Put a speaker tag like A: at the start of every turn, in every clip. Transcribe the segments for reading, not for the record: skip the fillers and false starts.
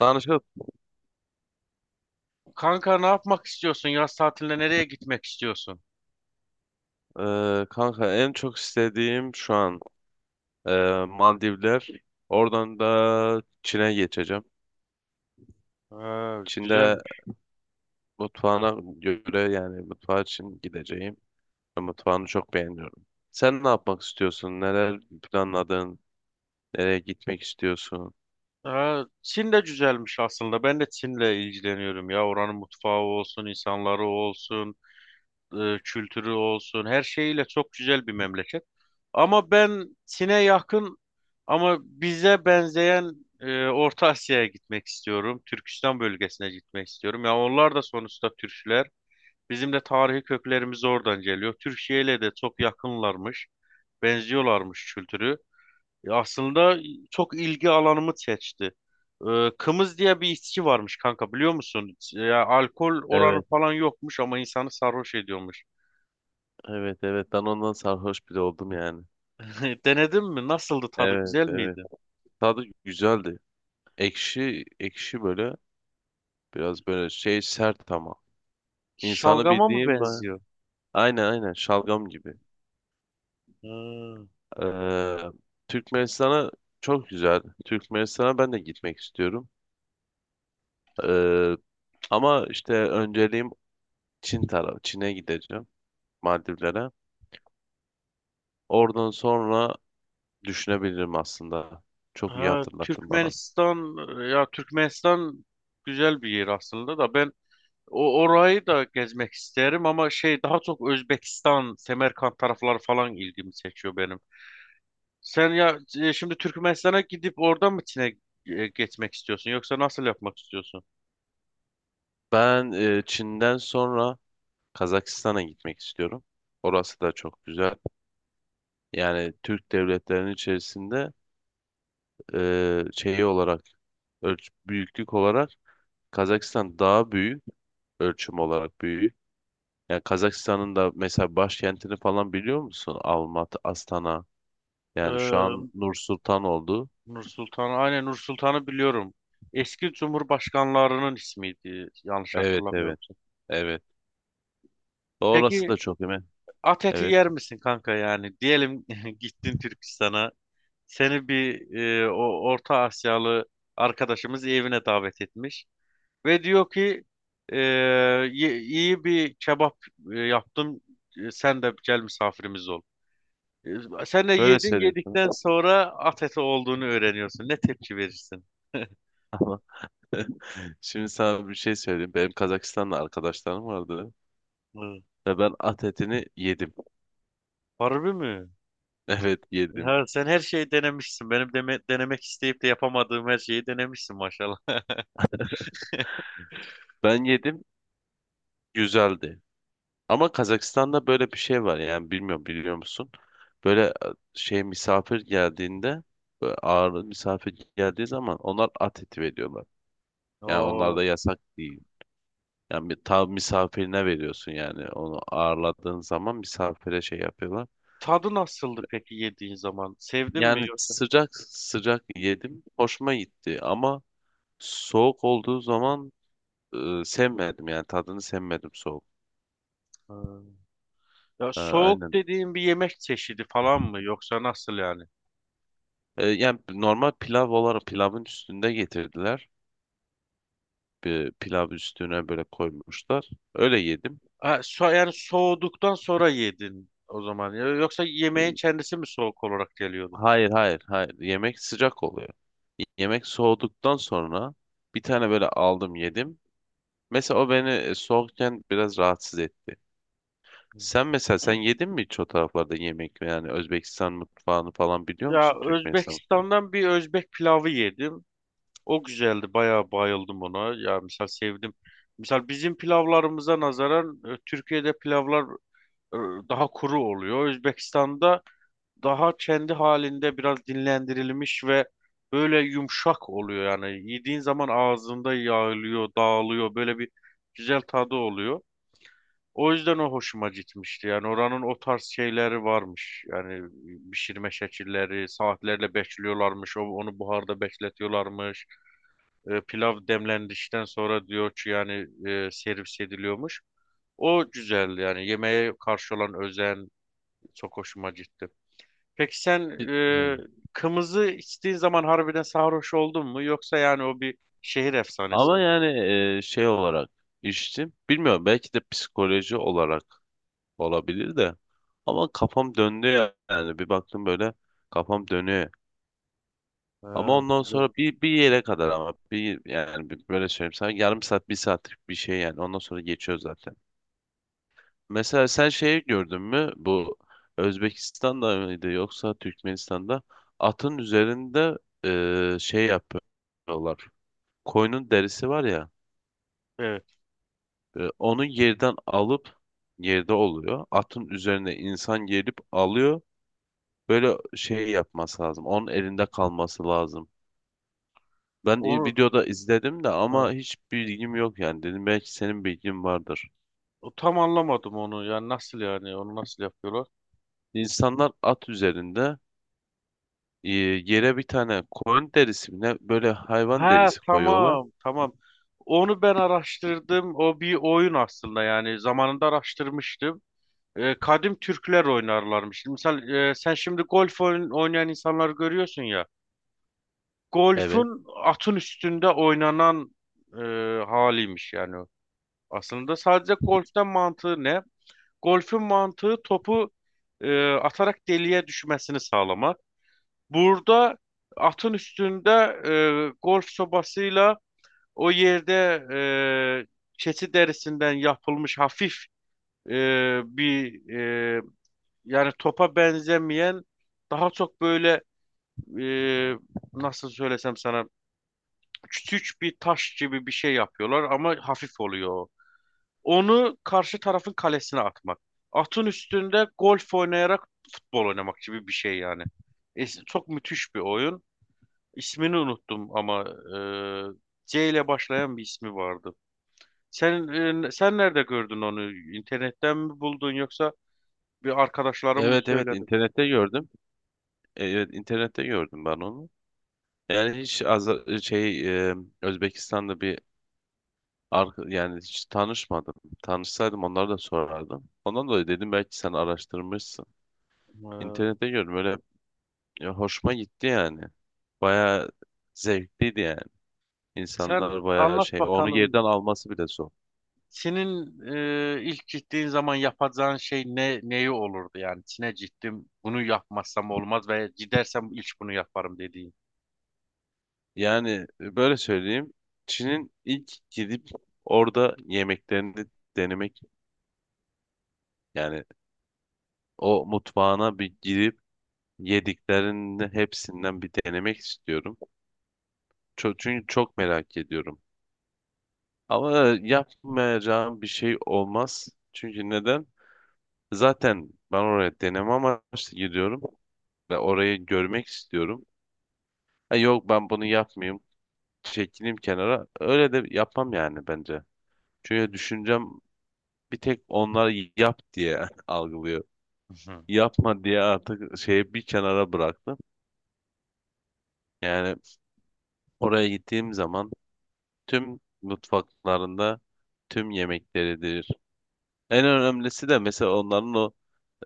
A: Danışık,
B: Kanka ne yapmak istiyorsun? Yaz tatiline nereye gitmek istiyorsun?
A: kanka en çok istediğim şu an Maldivler. Oradan da Çin'e geçeceğim.
B: Ha,
A: Çin'de
B: güzelmiş.
A: mutfağına göre yani mutfağı için gideceğim. Mutfağını çok beğeniyorum. Sen ne yapmak istiyorsun? Neler planladın? Nereye gitmek istiyorsun?
B: Ha, Çin de güzelmiş aslında. Ben de Çin'le ilgileniyorum ya. Oranın mutfağı olsun, insanları olsun, kültürü olsun. Her şeyiyle çok güzel bir memleket. Ama ben Çin'e yakın ama bize benzeyen Orta Asya'ya gitmek istiyorum. Türkistan bölgesine gitmek istiyorum. Ya onlar da sonuçta Türkler. Bizim de tarihi köklerimiz oradan geliyor. Türkiye ile de çok yakınlarmış. Benziyorlarmış kültürü. Aslında çok ilgi alanımı seçti. Kımız diye bir içki varmış kanka, biliyor musun? Ya alkol oranı
A: Evet,
B: falan yokmuş ama insanı sarhoş ediyormuş.
A: evet, evet. Ben ondan sarhoş bile oldum yani.
B: Denedin mi? Nasıldı tadı?
A: Evet,
B: Güzel
A: evet.
B: miydi?
A: Tadı güzeldi. Ekşi, ekşi böyle. Biraz böyle şey sert ama. İnsanı
B: Şalgama mı
A: bildiğim ben.
B: benziyor?
A: Aynen aynen şalgam gibi.
B: Hmm.
A: Ee, Türkmenistan'a çok güzel. Türkmenistan'a ben de gitmek istiyorum. Ee, ama işte önceliğim Çin tarafı. Çin'e gideceğim. Maldivlere. Oradan sonra düşünebilirim aslında. Çok iyi
B: Ha,
A: hatırlattın bana.
B: Türkmenistan, ya Türkmenistan güzel bir yer aslında da ben orayı da gezmek isterim ama şey, daha çok Özbekistan, Semerkant tarafları falan ilgimi çekiyor benim. Sen ya, şimdi Türkmenistan'a gidip oradan mı Çin'e geçmek istiyorsun, yoksa nasıl yapmak istiyorsun?
A: Ben Çin'den sonra Kazakistan'a gitmek istiyorum. Orası da çok güzel. Yani Türk devletlerinin içerisinde şeyi olarak ölç büyüklük olarak Kazakistan daha büyük. Ölçüm olarak büyüğü. Yani Kazakistan'ın da mesela başkentini falan biliyor musun? Almatı, Astana. Yani şu an
B: Ee,
A: Nur Sultan oldu.
B: Nur Sultan, aynen, Nur Sultan'ı biliyorum. Eski cumhurbaşkanlarının ismiydi, yanlış
A: Evet,
B: hatırlamıyorum.
A: evet, evet. Orası
B: Peki
A: da çok hemen.
B: at eti
A: Evet.
B: yer misin kanka, yani? Diyelim gittin Türkistan'a. Seni bir o Orta Asyalı arkadaşımız evine davet etmiş ve diyor ki e, iyi bir kebap yaptım. E, Sen de gel, misafirimiz ol. E, Sen de
A: Böyle
B: yedin,
A: söyleyeyim sana.
B: yedikten sonra at eti olduğunu öğreniyorsun. Ne tepki verirsin?
A: Şimdi sana bir şey söyleyeyim. Benim Kazakistan'da arkadaşlarım vardı.
B: Hı.
A: Ve ben at etini yedim.
B: Harbi mi?
A: Evet yedim.
B: Ya sen her şeyi denemişsin. Benim denemek isteyip de yapamadığım her şeyi denemişsin maşallah.
A: Ben yedim. Güzeldi. Ama Kazakistan'da böyle bir şey var yani bilmiyorum biliyor musun? Böyle şey misafir geldiğinde böyle ağırlı misafir geldiği zaman onlar at eti veriyorlar. Yani onlar da
B: Oo.
A: yasak değil. Yani bir tav misafirine veriyorsun yani onu ağırladığın zaman misafire şey yapıyorlar.
B: Tadı nasıldı peki yediğin zaman? Sevdin mi
A: Yani
B: yoksa?
A: sıcak sıcak yedim hoşuma gitti ama soğuk olduğu zaman sevmedim yani tadını sevmedim soğuk.
B: Hı. Ya
A: Ha,
B: soğuk
A: aynen.
B: dediğin bir yemek çeşidi falan mı, yoksa nasıl yani?
A: Yani normal pilav olarak pilavın üstünde getirdiler. Bir pilav üstüne böyle koymuşlar. Öyle yedim.
B: Ha, so yani soğuduktan sonra yedin o zaman. Ya yoksa yemeğin
A: E,
B: kendisi mi soğuk olarak geliyordu?
A: Hayır hayır hayır. Yemek sıcak oluyor. Yemek soğuduktan sonra bir tane böyle aldım yedim. Mesela o beni soğukken biraz rahatsız etti.
B: Hı.
A: Sen mesela sen yedin mi hiç o taraflarda yemek yani Özbekistan mutfağını falan biliyor
B: Ya
A: musun Türkmenistan mutfağını?
B: Özbekistan'dan bir Özbek pilavı yedim. O güzeldi. Bayağı bayıldım ona. Ya misal sevdim. Misal bizim pilavlarımıza nazaran Türkiye'de pilavlar e, daha kuru oluyor. Özbekistan'da daha kendi halinde biraz dinlendirilmiş ve böyle yumuşak oluyor. Yani yediğin zaman ağzında yağılıyor, dağılıyor. Böyle bir güzel tadı oluyor. O yüzden o hoşuma gitmişti. Yani oranın o tarz şeyleri varmış. Yani pişirme şekilleri, saatlerle bekliyorlarmış. Onu buharda bekletiyorlarmış. Pilav demlendikten sonra diyor ki yani servis ediliyormuş. O güzeldi, yani yemeğe karşı olan özen çok hoşuma gitti. Peki sen,
A: Hmm.
B: kımızı içtiğin zaman harbiden sarhoş oldun mu? Yoksa yani o bir şehir efsanesi
A: Ama
B: mi?
A: yani şey olarak içtim. Bilmiyorum belki de psikoloji olarak olabilir de. Ama kafam döndü yani. Bir baktım böyle kafam dönüyor. Ama
B: Ha,
A: ondan
B: güzel.
A: sonra bir, bir yere kadar ama bir yani böyle söyleyeyim sana yarım saat bir saatlik bir şey yani ondan sonra geçiyor zaten. Mesela sen şeyi gördün mü bu Özbekistan'da mıydı yoksa Türkmenistan'da atın üzerinde şey yapıyorlar. Koyunun derisi var ya
B: Evet.
A: onu yerden alıp yerde oluyor. Atın üzerine insan gelip alıyor. Böyle şey yapması lazım. Onun elinde kalması lazım. Ben
B: Onu,
A: videoda izledim de
B: ha.
A: ama hiç bilgim yok yani. Dedim belki senin bilgin vardır.
B: O tam anlamadım onu. Yani nasıl yani? Onu nasıl yapıyorlar?
A: İnsanlar at üzerinde e, yere bir tane koyun derisi mi ne böyle hayvan
B: Ha,
A: derisi koyuyorlar.
B: tamam tamam. Onu ben araştırdım. O bir oyun aslında, yani zamanında araştırmıştım. Kadim Türkler oynarlarmış. Misal, sen şimdi oynayan insanları görüyorsun ya.
A: Evet.
B: Golfün atın üstünde oynanan e, haliymiş yani. O. Aslında sadece golften mantığı ne? Golfün mantığı topu atarak deliğe düşmesini sağlamak. Burada atın üstünde golf sobasıyla o yerde e, keçi derisinden yapılmış hafif e, bir e, yani topa benzemeyen, daha çok böyle, e, nasıl söylesem sana, küçük bir taş gibi bir şey yapıyorlar ama hafif oluyor. O. Onu karşı tarafın kalesine atmak. Atın üstünde golf oynayarak futbol oynamak gibi bir şey yani. Çok müthiş bir oyun. İsmini unuttum ama C ile başlayan bir ismi vardı. Sen Sen nerede gördün onu? İnternetten mi buldun, yoksa bir arkadaşların mı
A: Evet evet
B: söyledi?
A: internette gördüm. Evet internette gördüm ben onu. Yani hiç e, Özbekistan'da bir yani hiç tanışmadım. Tanışsaydım onlara da sorardım. Ondan dolayı dedim belki sen araştırmışsın.
B: E,
A: İnternette gördüm öyle. Ya hoşuma gitti yani. Bayağı zevkliydi yani.
B: Sen
A: İnsanlar bayağı
B: anlat
A: şey, onu
B: bakalım.
A: yerden alması bile zor.
B: Senin ilk gittiğin zaman yapacağın şey ne, neyi olurdu yani? Çin'e gittim. Bunu yapmazsam olmaz ve gidersem ilk bunu yaparım dediğin.
A: Yani böyle söyleyeyim, Çin'in ilk gidip orada yemeklerini denemek, yani o mutfağına bir girip yediklerinin hepsinden bir denemek istiyorum. Çünkü çok merak ediyorum. Ama yapmayacağım bir şey olmaz. Çünkü neden? Zaten ben oraya deneme amaçlı gidiyorum ve orayı görmek istiyorum. Ha, yok ben bunu yapmayayım. Çekileyim kenara. Öyle de yapmam yani bence. Çünkü düşüncem bir tek onlar yap diye algılıyor.
B: Hı hı.
A: Yapma diye artık şeyi bir kenara bıraktım. Yani oraya gittiğim zaman tüm mutfaklarında tüm yemekleridir. En önemlisi de mesela onların o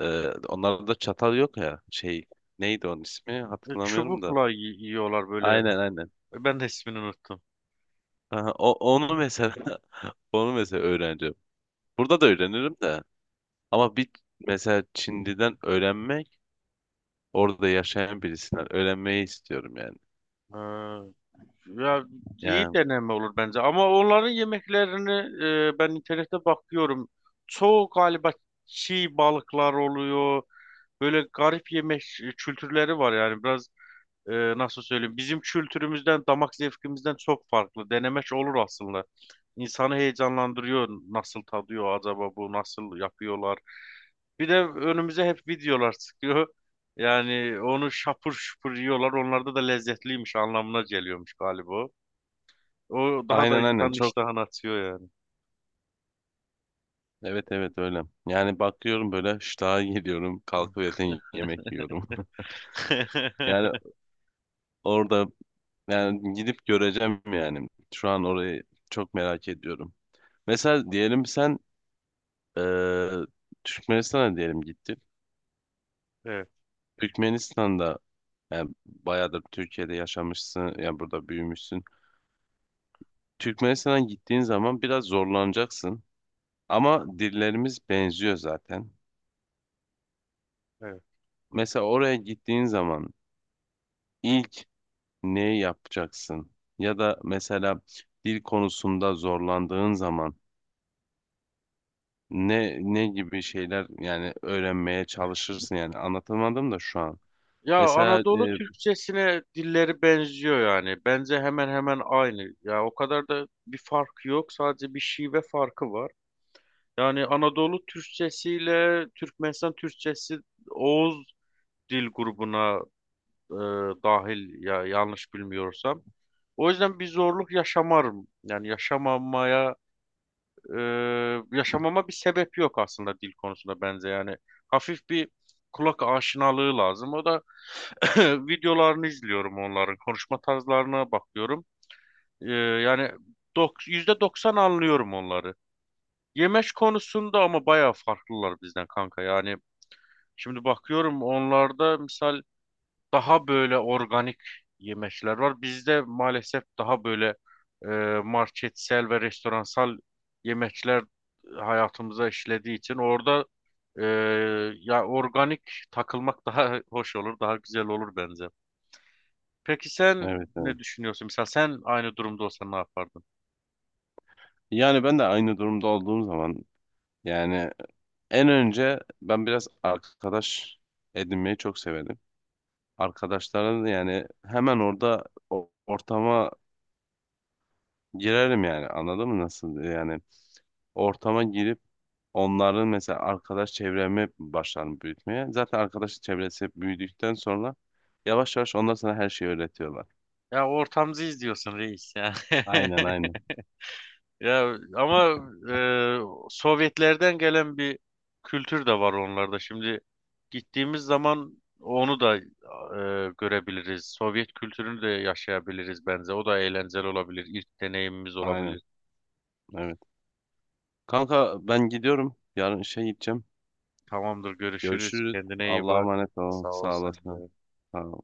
A: onlarda çatal yok ya şey neydi onun ismi hatırlamıyorum da.
B: Çubukla yiyorlar böyle.
A: Aynen aynen.
B: Ben de ismini unuttum.
A: Aha, o, onu mesela onu mesela öğreneceğim. Burada da öğrenirim de. Ama bir mesela Çinli'den öğrenmek, orada yaşayan birisinden öğrenmeyi istiyorum yani.
B: E, Ya iyi
A: Yani
B: deneme olur bence, ama onların yemeklerini, ben internette bakıyorum. Çoğu galiba çiğ balıklar oluyor. Böyle garip yemek kültürleri var yani biraz, nasıl söyleyeyim, bizim kültürümüzden, damak zevkimizden çok farklı. Denemek olur aslında. İnsanı heyecanlandırıyor. Nasıl tadıyor acaba bu? Nasıl yapıyorlar? Bir de önümüze hep videolar çıkıyor. Yani onu şapur şupur yiyorlar. Onlarda da lezzetliymiş anlamına geliyormuş galiba. O daha da
A: aynen aynen
B: insanın
A: çok
B: iştahını açıyor
A: evet evet öyle. Yani bakıyorum böyle ştaha geliyorum,
B: yani.
A: kalkıp zaten yemek yiyorum. Yani orada yani gidip göreceğim yani. Şu an orayı çok merak ediyorum. Mesela diyelim sen eee Türkmenistan'a diyelim gittin.
B: Evet,
A: Türkmenistan'da yani bayağıdır Türkiye'de yaşamışsın, yani burada büyümüşsün. Türkmenistan'a gittiğin zaman biraz zorlanacaksın. Ama dillerimiz benziyor zaten.
B: evet.
A: Mesela oraya gittiğin zaman ilk ne yapacaksın? Ya da mesela dil konusunda zorlandığın zaman ne gibi şeyler yani öğrenmeye çalışırsın yani anlatamadım da şu an.
B: Ya
A: Mesela
B: Anadolu Türkçesine dilleri benziyor yani. Bence hemen hemen aynı. Ya o kadar da bir fark yok. Sadece bir şive farkı var. Yani Anadolu Türkçesiyle Türkmenistan Türkçesi Oğuz dil grubuna e, dahil ya, yanlış bilmiyorsam. O yüzden bir zorluk yaşamarım. Yaşamama bir sebep yok aslında dil konusunda bence yani. Hafif bir kulak aşinalığı lazım. O da videolarını izliyorum onların, konuşma tarzlarına bakıyorum. Yani %90 anlıyorum onları. Yemek konusunda ama bayağı farklılar bizden kanka. Yani şimdi bakıyorum onlarda, misal daha böyle organik yemekler var. Bizde maalesef daha böyle e, marketsel ve restoransal yemekler hayatımıza işlediği için, orada e, ya organik takılmak daha hoş olur, daha güzel olur bence. Peki sen
A: evet evet.
B: ne düşünüyorsun? Mesela sen aynı durumda olsan ne yapardın?
A: Yani ben de aynı durumda olduğum zaman yani en önce ben biraz arkadaş edinmeyi çok severim. Arkadaşlara da yani hemen orada ortama girerim yani anladın mı nasıl yani ortama girip onların mesela arkadaş çevremi başlarım büyütmeye. Zaten arkadaş çevresi hep büyüdükten sonra yavaş yavaş onlar sana her şeyi öğretiyorlar.
B: Ya ortamızı izliyorsun reis ya.
A: Aynen aynen.
B: Ya ama Sovyetlerden gelen bir kültür de var onlarda. Şimdi gittiğimiz zaman onu da görebiliriz. Sovyet kültürünü de yaşayabiliriz bence. O da eğlenceli olabilir. İlk deneyimimiz
A: Aynen
B: olabilir.
A: evet. Kanka ben gidiyorum. Yarın işe gideceğim.
B: Tamamdır, görüşürüz.
A: Görüşürüz.
B: Kendine iyi
A: Allah'a
B: bak.
A: emanet olun.
B: Sağ ol
A: Sağ
B: sen
A: olasın.
B: de.
A: Sağ ol.